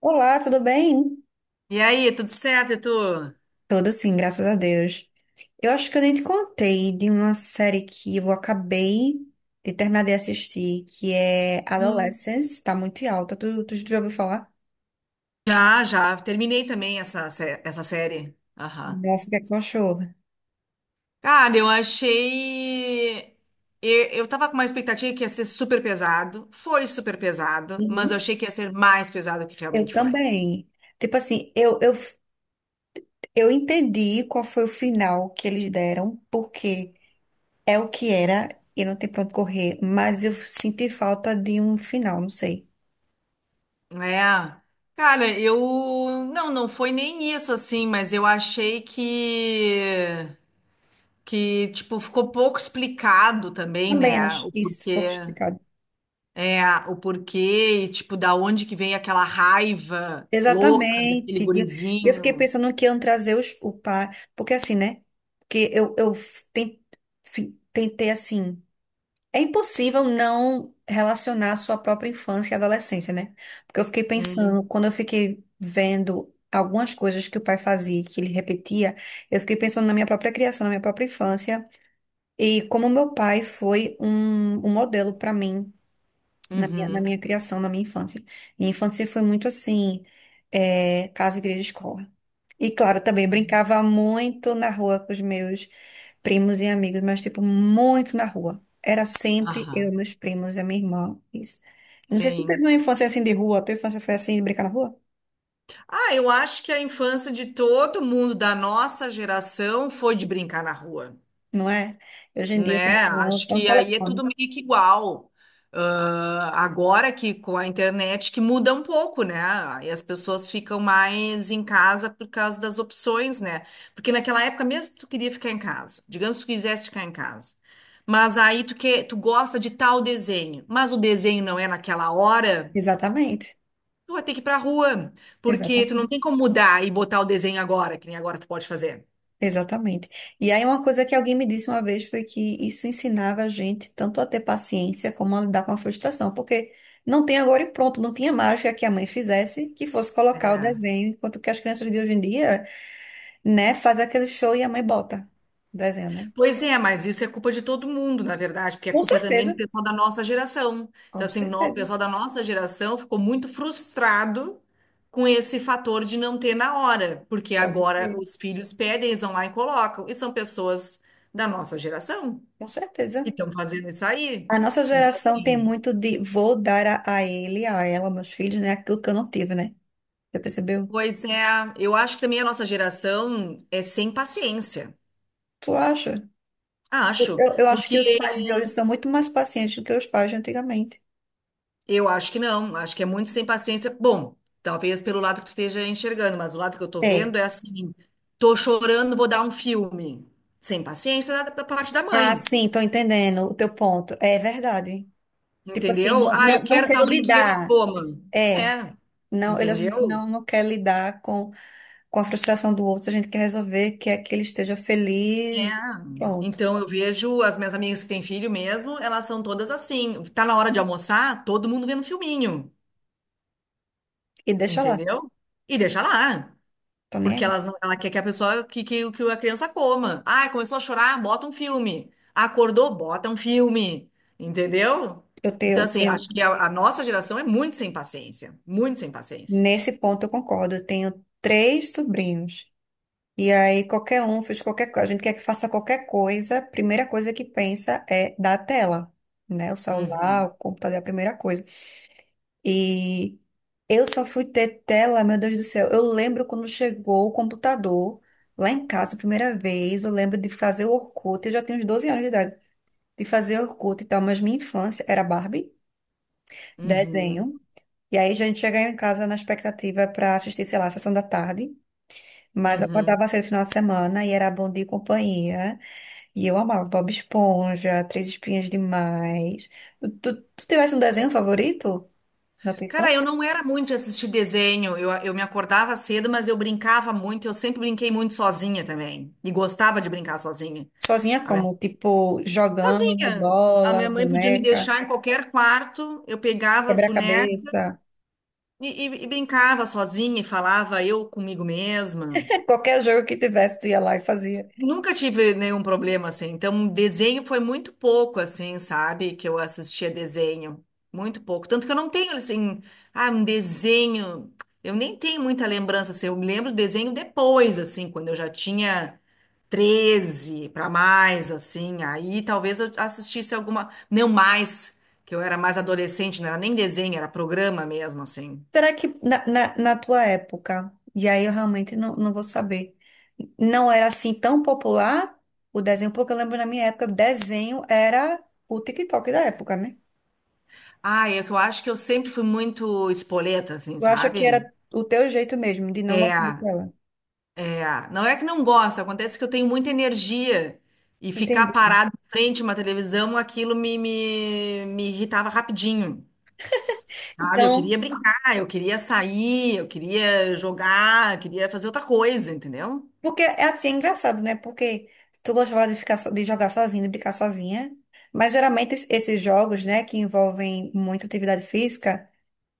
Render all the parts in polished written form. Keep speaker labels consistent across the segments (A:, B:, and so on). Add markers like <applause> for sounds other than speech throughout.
A: Olá, tudo bem?
B: E aí, tudo certo, e tu?
A: Tudo sim, graças a Deus. Eu acho que eu nem te contei de uma série que eu acabei de terminar de assistir, que é
B: Hum.
A: Adolescence, tá muito em alta. Tu já ouviu falar?
B: Já, já. Terminei também essa, essa série. Aham.
A: Nossa, o que é que tu achou?
B: Cara, eu achei. Eu tava com uma expectativa que ia ser super pesado. Foi super pesado, mas eu
A: Uhum.
B: achei que ia ser mais pesado do que
A: Eu
B: realmente foi.
A: também. Tipo assim, eu entendi qual foi o final que eles deram, porque é o que era e não tem pra onde correr, mas eu senti falta de um final, não sei.
B: É. Cara, eu. Não, não foi nem isso assim, mas eu achei que. Que, tipo, ficou pouco explicado também,
A: Também
B: né?
A: acho
B: O
A: isso pouco
B: porquê.
A: explicado.
B: É, o porquê, e, tipo, da onde que vem aquela raiva louca daquele
A: Exatamente. E eu fiquei
B: gurizinho.
A: pensando que iam trazer o pai, porque assim, né? Porque eu, eu ten- fi- tentei assim. É impossível não relacionar a sua própria infância e adolescência, né? Porque eu fiquei pensando,
B: Hum,
A: quando eu fiquei vendo algumas coisas que o pai fazia, que ele repetia, eu fiquei pensando na minha própria criação, na minha própria infância, e como meu pai foi um modelo para mim na minha, na
B: uhum,
A: minha criação, na minha infância. Minha infância foi muito assim, é, casa, igreja, escola. E claro, também brincava muito na rua com os meus primos e amigos, mas tipo, muito na rua. Era sempre eu,
B: aham,
A: meus primos e a minha irmã. Isso. Eu não sei se tu teve
B: sim.
A: uma infância assim de rua, a tua infância foi assim de brincar na rua?
B: Ah, eu acho que a infância de todo mundo da nossa geração foi de brincar na rua.
A: Não é? Hoje em dia eu
B: Né?
A: preciso
B: Acho
A: ter um
B: que aí é tudo
A: telefone.
B: meio que igual. Ah, agora que com a internet que muda um pouco, né? Aí as pessoas ficam mais em casa por causa das opções, né? Porque naquela época mesmo tu queria ficar em casa, digamos que tu quisesse ficar em casa. Mas aí tu que tu gosta de tal desenho, mas o desenho não é naquela hora,
A: Exatamente.
B: tu vai ter que ir pra rua, porque tu não
A: Exatamente.
B: tem como mudar e botar o desenho agora, que nem agora tu pode fazer.
A: Exatamente. E aí uma coisa que alguém me disse uma vez foi que isso ensinava a gente tanto a ter paciência como a lidar com a frustração, porque não tem agora e pronto, não tinha mágica que a mãe fizesse que fosse colocar o
B: É.
A: desenho, enquanto que as crianças de hoje em dia, né, fazem aquele show e a mãe bota o desenho, né?
B: Pois é, mas isso é culpa de todo mundo, na verdade, porque é
A: Com
B: culpa também do
A: certeza,
B: pessoal da nossa geração. Então,
A: com
B: assim, o
A: certeza,
B: pessoal da nossa geração ficou muito frustrado com esse fator de não ter na hora, porque
A: pode
B: agora
A: ser,
B: os filhos pedem, eles vão lá e colocam, e são pessoas da nossa geração
A: com certeza.
B: que estão fazendo isso aí.
A: A nossa
B: Então,
A: geração tem
B: assim,
A: muito de vou dar a ele, a ela, meus filhos, né, aquilo que eu não tive, né? Já percebeu?
B: pois é, eu acho que também a nossa geração é sem paciência.
A: Tu acha?
B: Acho,
A: Eu acho que
B: porque
A: os pais de hoje são muito mais pacientes do que os pais de antigamente.
B: eu acho que não, acho que é muito sem paciência. Bom, talvez pelo lado que tu esteja enxergando, mas o lado que eu tô
A: É.
B: vendo é assim, tô chorando, vou dar um filme. Sem paciência da parte da
A: Ah,
B: mãe,
A: sim, tô entendendo o teu ponto. É verdade. Tipo assim,
B: entendeu?
A: não,
B: Ah, eu
A: não, não
B: quero tal
A: quero
B: brinquedo,
A: lidar.
B: toma.
A: É.
B: É,
A: Não, ele, a gente não,
B: entendeu?
A: não quer lidar com a frustração do outro, a gente quer resolver que é que ele esteja
B: É.
A: feliz. Pronto.
B: Então eu vejo as minhas amigas que têm filho mesmo, elas são todas assim. Tá na hora de almoçar, todo mundo vendo filminho,
A: E deixa lá.
B: entendeu? E deixa lá.
A: Tô nem
B: Porque
A: aí.
B: elas ela quer que a pessoa, que a criança coma. Ah, começou a chorar, bota um filme. Acordou, bota um filme. Entendeu?
A: Eu tenho,
B: Então,
A: eu
B: assim,
A: tenho,
B: acho que a nossa geração é muito sem paciência. Muito sem paciência.
A: nesse ponto eu concordo. Eu tenho três sobrinhos. E aí qualquer um fez qualquer coisa, a gente quer que faça qualquer coisa, a primeira coisa que pensa é da tela, né? O celular,
B: Uhum,
A: o computador é a primeira coisa. E eu só fui ter tela, meu Deus do céu. Eu lembro quando chegou o computador lá em casa a primeira vez, eu lembro de fazer o Orkut, eu já tenho uns 12 anos de idade, de fazer Orkut e tal, mas minha infância era Barbie,
B: uhum,
A: desenho. E aí a gente chegava em casa na expectativa para assistir, sei lá, a sessão da tarde. Mas eu
B: uhum.
A: acordava cedo no final de semana e era Bom Dia e Companhia. E eu amava Bob Esponja, Três Espinhas Demais. Tu tivesse um desenho favorito na tua
B: Cara, eu
A: infância?
B: não era muito de assistir desenho. Eu me acordava cedo, mas eu brincava muito. Eu sempre brinquei muito sozinha também. E gostava de brincar sozinha.
A: Sozinha
B: A minha,
A: como? Tipo, jogando
B: sozinha. A
A: bola,
B: minha mãe podia me
A: boneca,
B: deixar em qualquer quarto. Eu pegava as bonecas.
A: quebra-cabeça.
B: E brincava sozinha e falava eu comigo mesma.
A: É, qualquer jogo que tivesse, tu ia lá e fazia.
B: Nunca tive nenhum problema assim. Então, desenho foi muito pouco assim, sabe? Que eu assistia desenho. Muito pouco. Tanto que eu não tenho assim, ah, um desenho. Eu nem tenho muita lembrança assim. Eu me lembro do desenho depois, assim, quando eu já tinha 13 para mais, assim. Aí talvez eu assistisse alguma. Não mais, que eu era mais adolescente, não era nem desenho, era programa mesmo, assim.
A: Será que na, na tua época, e aí eu realmente não vou saber, não era assim tão popular o desenho? Porque eu lembro na minha época, desenho era o TikTok da época, né?
B: Ah, é que eu acho que eu sempre fui muito espoleta, assim,
A: Eu acho que
B: sabe?
A: era o teu jeito mesmo de não
B: É,
A: gostar de tela.
B: é. Não é que não gosto, acontece que eu tenho muita energia e ficar
A: Entendi.
B: parado em frente a uma televisão, aquilo me irritava rapidinho, sabe? Eu
A: Então,
B: queria brincar, eu queria sair, eu queria jogar, eu queria fazer outra coisa, entendeu?
A: porque é assim, é engraçado, né? Porque tu gostava de ficar so- de jogar sozinha, de brincar sozinha, mas geralmente esses jogos, né, que envolvem muita atividade física,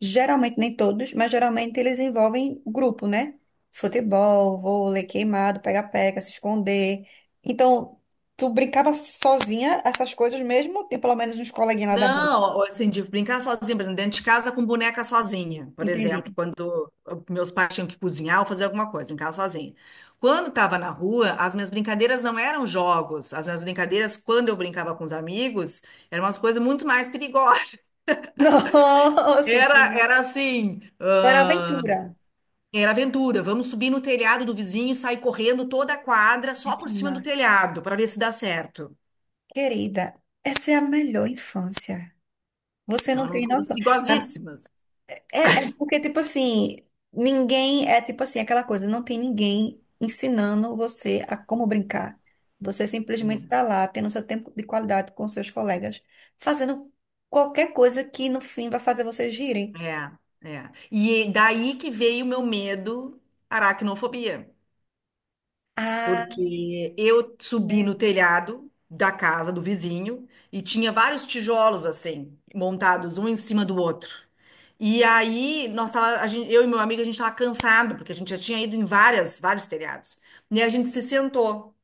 A: geralmente nem todos, mas geralmente eles envolvem grupo, né? Futebol, vôlei, queimado, pega-pega, se esconder. Então, tu brincava sozinha essas coisas mesmo, tem pelo menos uns coleguinhas lá da rua.
B: Não, assim, de brincar sozinha, por exemplo, dentro de casa com boneca sozinha, por exemplo,
A: Entendi.
B: quando meus pais tinham que cozinhar ou fazer alguma coisa, brincar sozinha. Quando estava na rua, as minhas brincadeiras não eram jogos, as minhas brincadeiras, quando eu brincava com os amigos, eram umas coisas muito mais perigosas.
A: <laughs> Nossa,
B: Era,
A: entendi.
B: era assim,
A: Era
B: ah,
A: aventura.
B: era aventura. Vamos subir no telhado do vizinho e sair correndo toda a quadra
A: Ai,
B: só por
A: que
B: cima do
A: massa.
B: telhado para ver se dá certo.
A: Querida, essa é a melhor infância. Você
B: Então
A: não
B: eram
A: tem
B: coisas
A: noção. Ah,
B: perigosíssimas.
A: é porque, tipo assim, ninguém. É tipo assim, aquela coisa, não tem ninguém ensinando você a como brincar. Você simplesmente
B: É.
A: está lá, tendo seu tempo de qualidade com seus colegas, fazendo qualquer coisa que no fim vai fazer vocês rirem.
B: É, é. E daí que veio o meu medo, aracnofobia,
A: Ah,
B: porque eu
A: que
B: subi no
A: medo.
B: telhado da casa do vizinho e tinha vários tijolos assim, montados um em cima do outro. E aí, nós tava, a gente, eu e meu amigo, a gente estava cansado, porque a gente já tinha ido em várias, vários telhados. E a gente se sentou.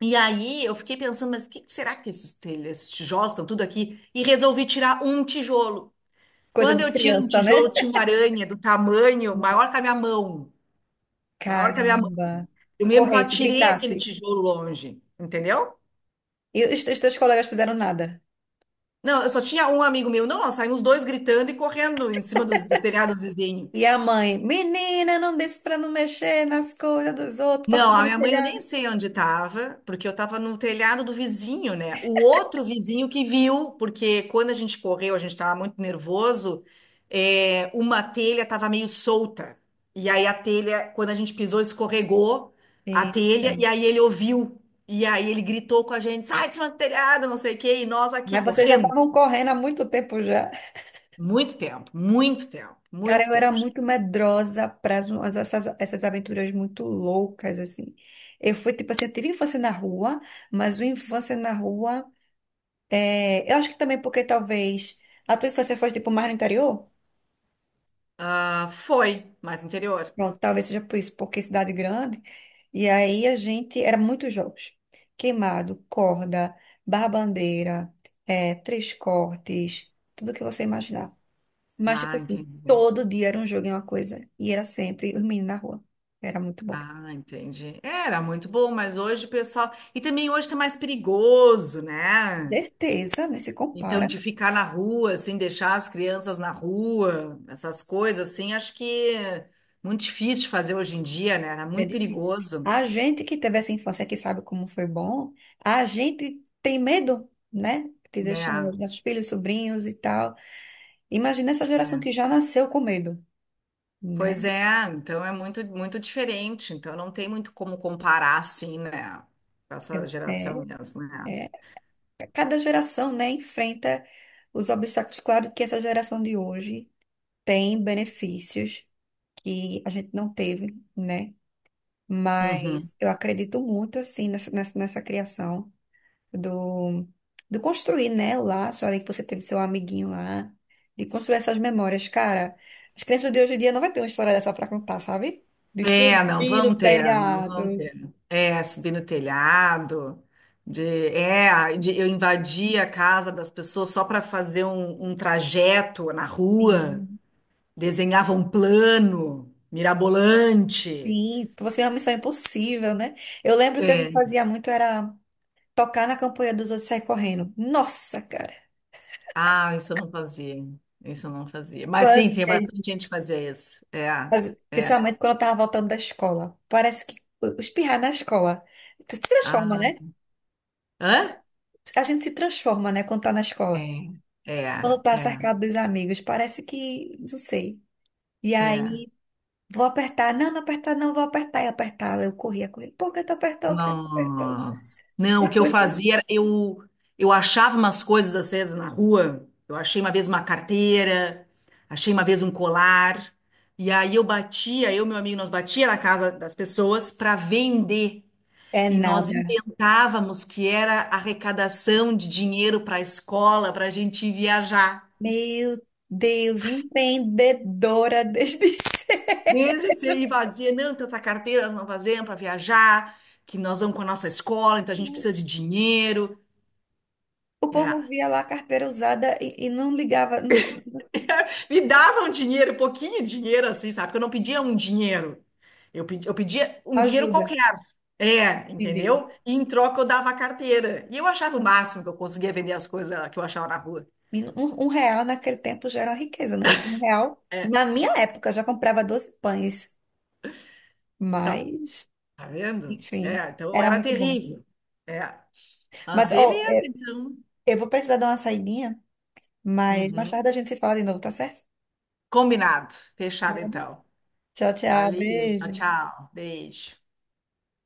B: E aí, eu fiquei pensando, mas o que que será que esses, esses tijolos estão tudo aqui? E resolvi tirar um tijolo.
A: Coisa
B: Quando
A: de
B: eu tiro um
A: criança,
B: tijolo,
A: né?
B: tinha uma aranha do tamanho maior que a minha mão. Maior que a minha mão.
A: Caramba.
B: Eu mesmo que eu
A: Corresse,
B: atirei aquele
A: gritasse.
B: tijolo longe, entendeu?
A: E os teus colegas fizeram nada.
B: Não, eu só tinha um amigo meu. Não, nós saímos dois gritando e correndo em cima dos telhados vizinhos.
A: E a mãe, menina, não disse pra não mexer nas coisas dos outros, pra
B: Não,
A: subir
B: a
A: no
B: minha mãe eu nem
A: telhado.
B: sei onde estava, porque eu estava no telhado do vizinho, né? O outro vizinho que viu, porque quando a gente correu, a gente estava muito nervoso, é, uma telha estava meio solta. E aí a telha, quando a gente pisou, escorregou a
A: Eita.
B: telha, e aí ele ouviu. E aí ele gritou com a gente, sai de cima do telhado, não sei o quê, e nós aqui
A: Mas vocês já
B: correndo.
A: estavam correndo há muito tempo já.
B: Muito tempo, muito tempo,
A: Cara,
B: muito
A: eu era
B: tempo.
A: muito medrosa para essas aventuras muito loucas, assim. Eu fui, tipo assim, eu tive infância na rua, mas o infância na rua. É, eu acho que também porque talvez a tua infância foi, tipo, mais no interior?
B: Ah, foi, mais interior.
A: Pronto, talvez seja por isso, porque é cidade grande. E aí a gente. Era muitos jogos: queimado, corda, barra-bandeira, três cortes, tudo que você imaginar. Mas, tipo
B: Ah,
A: assim,
B: entendi.
A: todo dia era um jogo e uma coisa. E era sempre os meninos na rua. Era muito bom.
B: Ah, entendi. Era muito bom, mas hoje o pessoal. E também hoje tá mais perigoso, né?
A: Certeza, né? Se
B: Então,
A: compara,
B: de ficar na rua, sem deixar as crianças na rua, essas coisas assim, acho que é muito difícil de fazer hoje em dia, né? Era
A: é
B: muito
A: difícil.
B: perigoso.
A: A gente que teve essa infância que sabe como foi bom, a gente tem medo, né? De
B: É,
A: deixar os nossos filhos, sobrinhos e tal. Imagina essa
B: é.
A: geração que já nasceu com medo. Né?
B: Pois é, então é muito, muito diferente. Então, não tem muito como comparar assim, né? Com essa
A: É,
B: geração mesmo, né?
A: é, cada geração, né, enfrenta os obstáculos. Claro que essa geração de hoje tem benefícios que a gente não teve, né?
B: Uhum.
A: Mas eu acredito muito, assim, nessa, nessa criação do, do construir, né, o laço ali que você teve seu amiguinho lá, de construir essas memórias. Cara, as crianças de hoje em dia não vai ter uma história dessa pra contar, sabe? De
B: É, não
A: subir no
B: vão ter, não vão
A: telhado.
B: ter. É, subir no telhado, de, é, de eu invadir a casa das pessoas só para fazer um trajeto na rua,
A: Sim.
B: desenhava um plano mirabolante.
A: Sim, você é uma missão impossível, né? Eu lembro que a gente
B: É.
A: fazia muito era tocar na campanha dos outros e sair correndo. Nossa, cara.
B: Ah, isso eu não fazia, isso eu não fazia. Mas
A: Mas,
B: sim, tem
A: é,
B: bastante gente que fazia isso. É,
A: mas,
B: é.
A: principalmente quando eu tava voltando da escola. Parece que espirrar na escola se transforma,
B: Ah,
A: né?
B: hã?
A: A gente se transforma, né, quando tá na escola.
B: É, é,
A: Quando tá
B: é,
A: cercado dos amigos, parece que, não sei. E
B: é.
A: aí, vou apertar. Não, não apertar, não, vou apertar. E apertar. Eu corria, corria. Por que tu apertou? Por que tu apertou?
B: Nossa. Não, o que eu fazia era eu achava umas coisas às vezes na rua. Eu achei uma vez uma carteira, achei uma vez um colar. E aí eu batia, eu e meu amigo, nós batia na casa das pessoas para vender.
A: É
B: E nós
A: nada.
B: inventávamos que era arrecadação de dinheiro para a escola, para a gente ir viajar.
A: Meu Deus, empreendedora desde <laughs> cedo.
B: Desde ser ir vazia, não, então essa carteira nós não fazemos para viajar, que nós vamos com a nossa escola, então a gente precisa de dinheiro.
A: O povo
B: É.
A: via lá a carteira usada e não ligava, não sabia.
B: Me davam dinheiro, um pouquinho dinheiro assim, sabe? Porque eu não pedia um dinheiro. Eu pedia um dinheiro
A: Ajuda,
B: qualquer. É,
A: entendi.
B: entendeu? E em troca eu dava a carteira. E eu achava o máximo que eu conseguia vender as coisas que eu achava na rua.
A: E um real naquele tempo já era uma riqueza, né? Um real.
B: É,
A: Na minha época, eu já comprava 12 pães,
B: tá.
A: mas,
B: Tá vendo?
A: enfim,
B: É, então eu
A: era
B: era
A: muito bom.
B: terrível. É. Mas
A: Mas, ó,
B: beleza,
A: é,
B: então.
A: eu vou precisar dar uma saidinha, mas mais
B: Uhum.
A: tarde a gente se fala de novo, tá certo?
B: Combinado. Fechado, então.
A: Tchau, tchau,
B: Valeu. Tchau,
A: beijo.
B: tchau. Beijo.